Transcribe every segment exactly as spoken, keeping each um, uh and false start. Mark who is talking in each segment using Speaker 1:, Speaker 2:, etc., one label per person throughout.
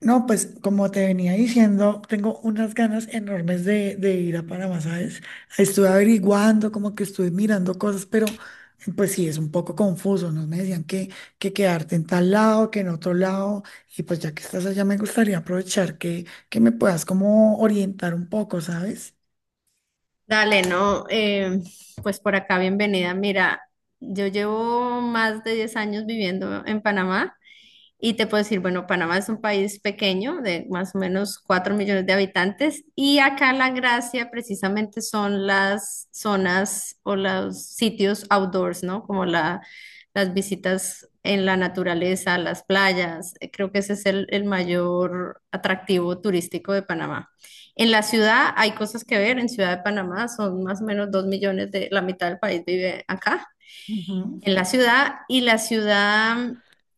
Speaker 1: No, pues como te venía diciendo, tengo unas ganas enormes de, de ir a Panamá, ¿sabes? Estuve averiguando, como que estuve mirando cosas, pero pues sí, es un poco confuso, ¿no? Me decían que, que quedarte en tal lado, que en otro lado, y pues ya que estás allá, me gustaría aprovechar que, que me puedas como orientar un poco, ¿sabes?
Speaker 2: Dale, no, eh, pues por acá bienvenida. Mira, yo llevo más de diez años viviendo en Panamá y te puedo decir, bueno, Panamá es un país pequeño de más o menos cuatro millones de habitantes y acá la gracia precisamente son las zonas o los sitios outdoors, ¿no? Como la, las visitas en la naturaleza, las playas. Eh, Creo que ese es el, el mayor atractivo turístico de Panamá. En la ciudad hay cosas que ver, en Ciudad de Panamá son más o menos dos millones de, la mitad del país vive acá
Speaker 1: Ujú.
Speaker 2: en la ciudad y la ciudad,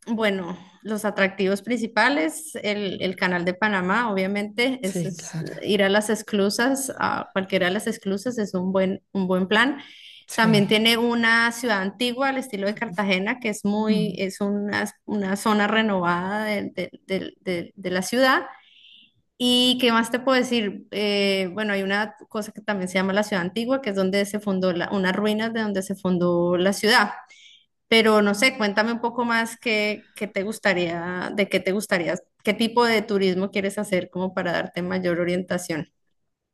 Speaker 2: bueno, los atractivos principales, el, el Canal de Panamá, obviamente, es,
Speaker 1: Sí,
Speaker 2: es
Speaker 1: claro,
Speaker 2: ir a las esclusas, a cualquiera de las esclusas es un buen, un buen plan. También
Speaker 1: sí.
Speaker 2: tiene una ciudad antigua al estilo de Cartagena, que es muy,
Speaker 1: Mm.
Speaker 2: es una, una zona renovada de, de- de- de- de la ciudad. ¿Y qué más te puedo decir? Eh, bueno, hay una cosa que también se llama la ciudad antigua, que es donde se fundó la, unas ruinas de donde se fundó la ciudad. Pero no sé, cuéntame un poco más qué, qué te gustaría, de qué te gustaría, qué tipo de turismo quieres hacer como para darte mayor orientación.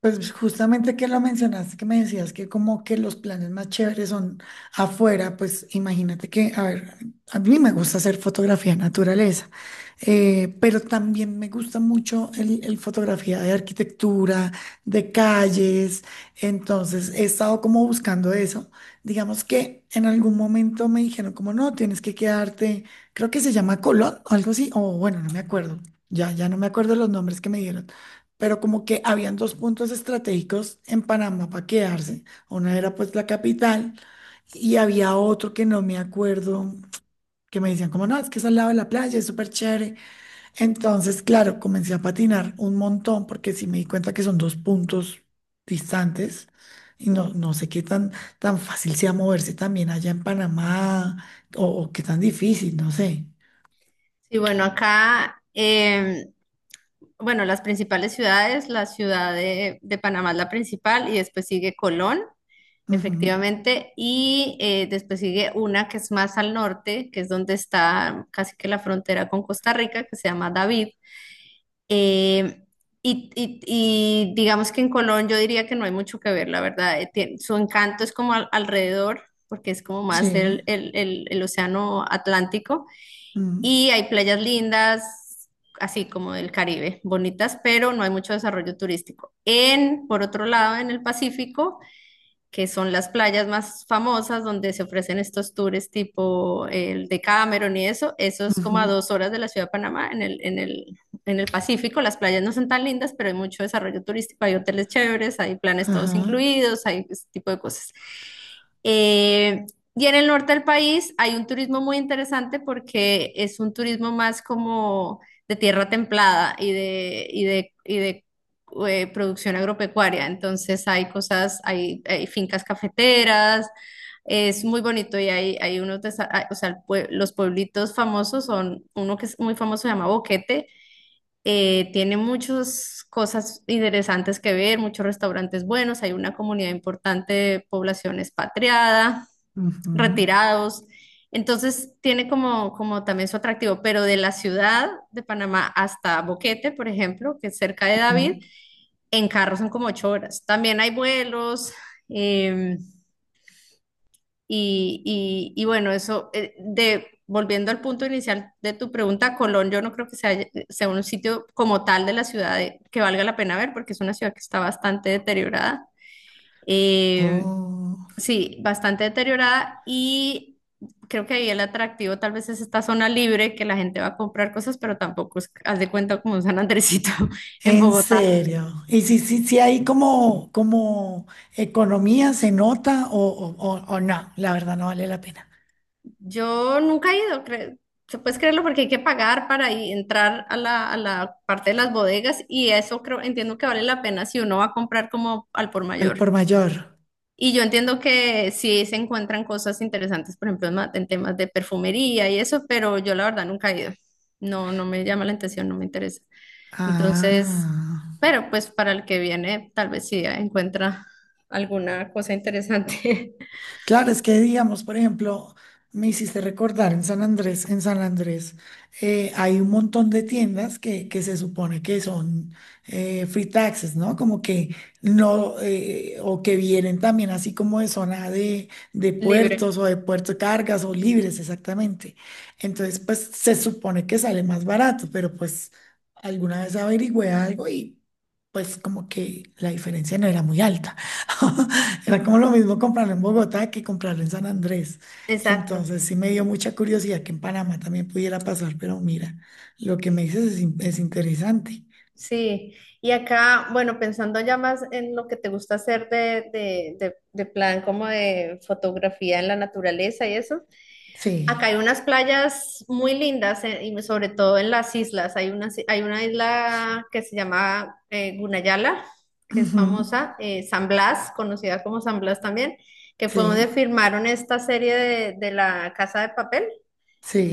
Speaker 1: Pues justamente que lo mencionaste, que me decías que como que los planes más chéveres son afuera, pues imagínate que, a ver, a mí me gusta hacer fotografía de naturaleza, eh, pero también me gusta mucho el, el fotografía de arquitectura, de calles, entonces he estado como buscando eso. Digamos que en algún momento me dijeron como no, tienes que quedarte, creo que se llama Colón o algo así, o bueno, no me acuerdo, ya, ya no me acuerdo los nombres que me dieron, pero como que habían dos puntos estratégicos en Panamá para quedarse. Una era pues la capital y había otro que no me acuerdo, que me decían como, no, es que es al lado de la playa, es súper chévere. Entonces, claro, comencé a patinar un montón porque sí me di cuenta que son dos puntos distantes. Y no, no sé qué tan, tan fácil sea moverse también allá en Panamá o, o qué tan difícil, no sé.
Speaker 2: Sí, bueno, acá, eh, bueno, las principales ciudades, la ciudad de, de Panamá es la principal y después sigue Colón,
Speaker 1: Ujú.
Speaker 2: efectivamente, y eh, después sigue una que es más al norte, que es donde está casi que la frontera con Costa Rica, que se llama David. Eh, y, y- y digamos que en Colón yo diría que no hay mucho que ver, la verdad. Eh, tie- su encanto es como al- alrededor, porque es como más el,
Speaker 1: Sí.
Speaker 2: el, el, el océano Atlántico.
Speaker 1: Mm,
Speaker 2: Y hay playas lindas, así como del Caribe, bonitas, pero no hay mucho desarrollo turístico. En, por otro lado, en el Pacífico que son las playas más famosas donde se ofrecen estos tours tipo el de Cameron y eso, eso es como a
Speaker 1: ujú.
Speaker 2: dos horas de la ciudad de Panamá, en el, en el, en el Pacífico, las playas no son tan lindas, pero hay mucho desarrollo turístico, hay hoteles chéveres, hay planes todos
Speaker 1: Ajá.
Speaker 2: incluidos, hay ese tipo de cosas. Eh, y en el norte del país hay un turismo muy interesante porque es un turismo más como de tierra templada y de, y de, y de eh, producción agropecuaria. Entonces hay cosas, hay, hay fincas cafeteras, es muy bonito y hay, hay unos, desa- ah, o sea, el pue- los pueblitos famosos son, uno que es muy famoso se llama Boquete, eh, tiene muchas cosas interesantes que ver, muchos restaurantes buenos, hay una comunidad importante de población expatriada,
Speaker 1: Ujú,
Speaker 2: retirados. Entonces tiene como, como también su atractivo, pero de la ciudad de Panamá hasta Boquete, por ejemplo, que es cerca de David,
Speaker 1: ujú.
Speaker 2: en carro son como ocho horas. También hay vuelos. em, y, y- y bueno, eso, eh, de, volviendo al punto inicial de tu pregunta, Colón, yo no creo que sea, sea un sitio como tal de la ciudad de- que valga la pena ver, porque es una ciudad que está bastante deteriorada. Em,
Speaker 1: Oh,
Speaker 2: sí, bastante deteriorada. Y creo que ahí el atractivo tal vez es esta zona libre que la gente va a comprar cosas, pero tampoco es, haz de cuenta como un San Andresito en
Speaker 1: ¿en
Speaker 2: Bogotá.
Speaker 1: serio? Y si, si, si hay como, como economía, se nota o, o, o- o no, la verdad no vale la pena.
Speaker 2: Yo nunca he ido, cre- se puedes creerlo porque hay que pagar para i- entrar a la, a la parte de las bodegas y eso creo, entiendo que vale la pena si uno va a comprar como al por
Speaker 1: Al
Speaker 2: mayor.
Speaker 1: por mayor.
Speaker 2: Y yo entiendo que sí se encuentran cosas interesantes, por ejemplo, en, ma- en temas de perfumería y eso, pero yo la verdad nunca he ido. No, no me llama la atención, no me interesa. Entonces,
Speaker 1: Ah.
Speaker 2: pero pues para el que viene, tal vez sí encuentra alguna cosa interesante
Speaker 1: Claro, es que digamos, por ejemplo, me hiciste recordar en San Andrés, en San Andrés, eh, hay un montón de tiendas que, que se supone que son eh, free taxes, ¿no? Como que no, eh, o que vienen también así como de zona de, de puertos
Speaker 2: libre.
Speaker 1: o de puerto cargas o libres, exactamente. Entonces, pues se supone que sale más barato, pero pues alguna vez averigüé algo y pues como que la diferencia no era muy alta. Era como lo mismo comprarlo en Bogotá que comprarlo en San Andrés.
Speaker 2: Exacto.
Speaker 1: Entonces sí me dio mucha curiosidad que en Panamá también pudiera pasar, pero mira, lo que me dices es, in- es interesante.
Speaker 2: Sí, y acá, bueno, pensando ya más en lo que te gusta hacer de, de, de, de plan como de fotografía en la naturaleza y eso, acá
Speaker 1: Sí,
Speaker 2: hay unas playas muy lindas, eh, y sobre todo en las islas. Hay una, hay una isla que se llama eh, Gunayala, que es
Speaker 1: ujú.
Speaker 2: famosa, eh, San Blas, conocida como San Blas también, que fue donde
Speaker 1: Sí,
Speaker 2: filmaron esta serie de, de La Casa de Papel.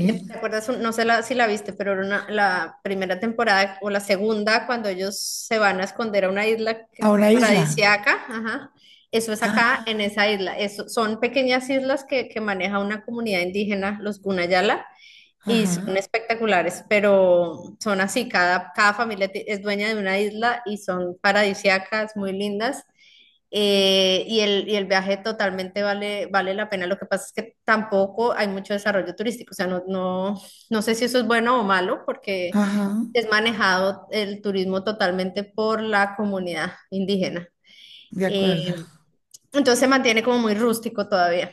Speaker 2: eh, ¿Te acuerdas? No sé la- si la viste, pero era una- la primera temporada o la segunda, cuando ellos se van a esconder a una isla que-
Speaker 1: A una isla.
Speaker 2: paradisíaca, ajá. Eso es acá, en
Speaker 1: Ah,
Speaker 2: esa isla. Eso, son pequeñas islas que, que maneja una comunidad indígena, los Gunayala, y son
Speaker 1: ajá,
Speaker 2: espectaculares, pero son así, cada, cada familia ti- es dueña de una isla y son paradisíacas, muy lindas. Eh, y el, y el viaje totalmente vale, vale la pena. Lo que pasa es que tampoco hay mucho desarrollo turístico. O sea, no, no, no sé si eso es bueno o malo, porque
Speaker 1: ajá,
Speaker 2: es manejado el turismo totalmente por la comunidad indígena.
Speaker 1: de acuerdo.
Speaker 2: Eh, entonces se mantiene como muy rústico todavía.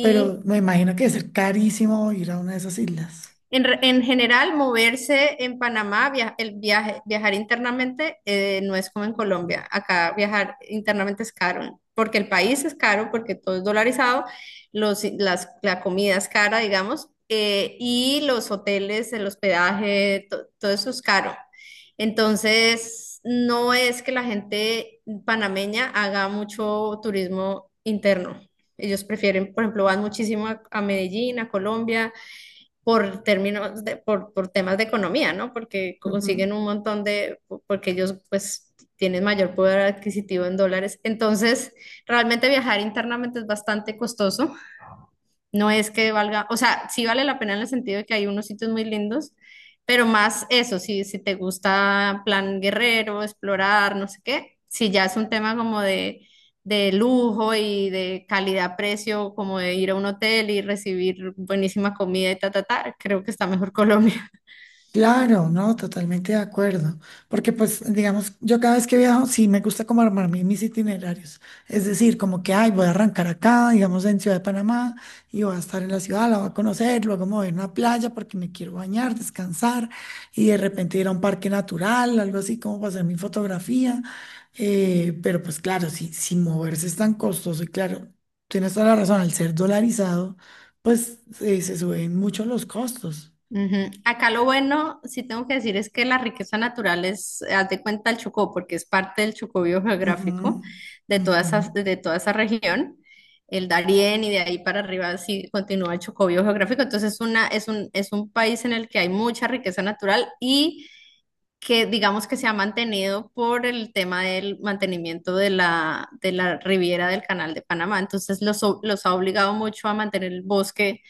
Speaker 1: Pero me imagino que debe ser carísimo ir a una de esas islas.
Speaker 2: En, re- en general, moverse en Panamá, via- el viaje, viajar internamente eh, no es como en Colombia. Acá viajar internamente es caro, porque el país es caro, porque todo es dolarizado, los, las, la comida es cara, digamos, eh, y los hoteles, el hospedaje, to- todo eso es caro. Entonces, no es que la gente panameña haga mucho turismo interno. Ellos prefieren, por ejemplo, van muchísimo a a Medellín, a Colombia por términos de, por, por temas de economía, ¿no? Porque consiguen un montón de, porque ellos pues tienen mayor poder adquisitivo en dólares. Entonces, realmente viajar internamente es bastante costoso. No es que valga, o sea, sí vale la pena en el sentido de que hay unos sitios muy lindos, pero más eso, si, si te gusta plan guerrero, explorar, no sé qué, si ya es un tema como de, de lujo y de calidad-precio, como de ir a un hotel y recibir buenísima comida y ta, ta, ta, creo que está mejor Colombia.
Speaker 1: Claro, no, totalmente de acuerdo. Porque pues, digamos, yo cada vez que viajo, sí me gusta como armar mi- mis itinerarios. Es decir, como que, ay, voy a arrancar acá, digamos, en Ciudad de Panamá, y voy a estar en la ciudad, la voy a conocer, luego me voy a una playa porque me quiero bañar, descansar, y de repente ir a un parque natural, algo así como para hacer mi fotografía. Eh, pero pues claro, si, si moverse es tan costoso, y claro, tienes toda la razón, al ser dolarizado, pues eh, se suben mucho los costos.
Speaker 2: Ujú. Acá lo bueno, sí tengo que decir, es que la riqueza natural es, haz de cuenta el Chocó, porque es parte del Chocó
Speaker 1: Ujú,
Speaker 2: biogeográfico de toda
Speaker 1: ujú.
Speaker 2: esa, de toda esa región, el Darién y de ahí para arriba sí continúa el Chocó biogeográfico. Entonces es una, es un, es un país en el que hay mucha riqueza natural y que digamos que se ha mantenido por el tema del mantenimiento de la, de la riviera del Canal de Panamá. Entonces los, los ha obligado mucho a mantener el bosque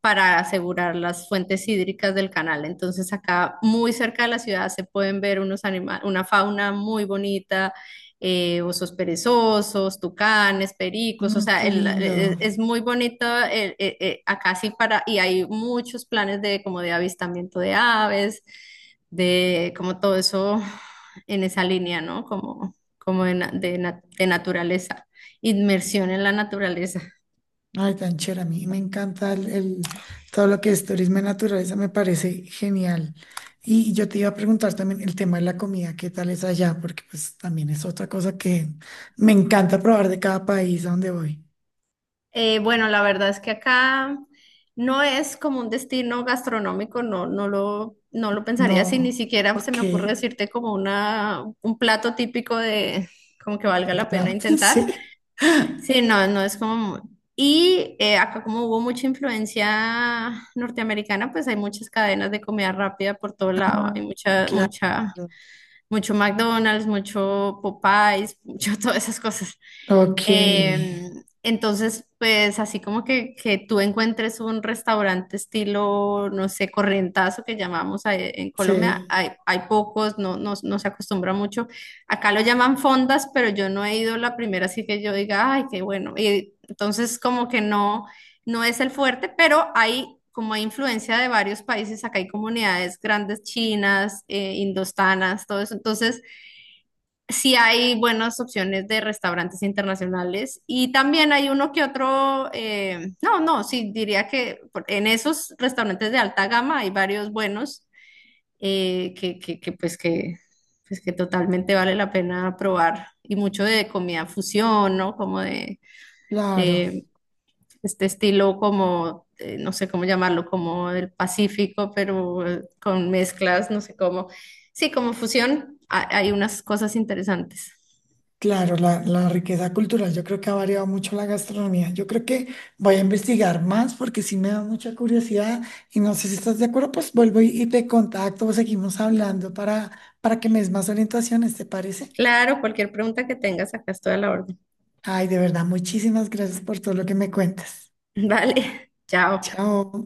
Speaker 2: para asegurar las fuentes hídricas del canal. Entonces acá muy cerca de la ciudad se pueden ver unos anima- una fauna muy bonita, eh, osos perezosos, tucanes, pericos, o
Speaker 1: Ah, qué
Speaker 2: sea, el-
Speaker 1: lindo.
Speaker 2: es, es muy bonito eh, eh, eh, acá sí para, y hay muchos planes de como de avistamiento de aves, de como todo eso en esa línea, ¿no? Como, como de na- de na- de naturaleza, inmersión en la naturaleza.
Speaker 1: Ay, tan chévere. A mí me encanta el, el- todo lo que es turismo y naturaleza, me parece genial. Y yo te iba a preguntar también el tema de la comida, ¿qué tal es allá? Porque pues también es otra cosa que me encanta probar de cada país a donde voy.
Speaker 2: Eh, bueno, la verdad es que acá no es como un destino gastronómico, no, no lo, no lo pensaría así, ni
Speaker 1: No,
Speaker 2: siquiera se
Speaker 1: ok.
Speaker 2: me ocurre decirte como una, un plato típico de, como que valga la
Speaker 1: Para
Speaker 2: pena intentar.
Speaker 1: sí,
Speaker 2: Sí, no, no es como... muy- Y eh, acá como hubo mucha influencia norteamericana, pues hay muchas cadenas de comida rápida por todo lado, hay mucha,
Speaker 1: claro.
Speaker 2: mucha, mucho McDonald's, mucho Popeyes, mucho todas esas cosas.
Speaker 1: Ok,
Speaker 2: Eh, entonces, pues así como que, que tú encuentres un restaurante estilo, no sé, corrientazo que llamamos ahí en Colombia,
Speaker 1: sí,
Speaker 2: hay, hay pocos, no, no, no se acostumbra mucho. Acá lo llaman fondas, pero yo no he ido la primera, así que yo diga, ay, qué bueno. Y entonces como que no, no es el fuerte, pero hay... Como hay influencia de varios países, acá hay comunidades grandes chinas, eh, indostanas, todo eso. Entonces, sí hay buenas opciones de restaurantes internacionales y también hay uno que otro, eh, no, no, sí, diría que por- en esos restaurantes de alta gama hay varios buenos eh, que, que, que, pues que, pues que totalmente vale la pena probar y mucho de comida fusión, ¿no? Como de
Speaker 1: claro.
Speaker 2: eh, este estilo como, eh, no sé cómo llamarlo, como del Pacífico, pero eh, con mezclas, no sé cómo, sí, como fusión, ha- hay unas cosas interesantes.
Speaker 1: Claro, la, la riqueza cultural, yo creo que ha variado mucho la gastronomía. Yo creo que voy a investigar más porque sí me da mucha curiosidad y no sé si estás de acuerdo, pues vuelvo y, y te contacto o seguimos hablando para, para que me des más orientaciones, ¿te parece?
Speaker 2: Claro, cualquier pregunta que tengas, acá estoy a la orden.
Speaker 1: Ay, de verdad, muchísimas gracias por todo lo que me cuentas.
Speaker 2: Vale, chao.
Speaker 1: Chao.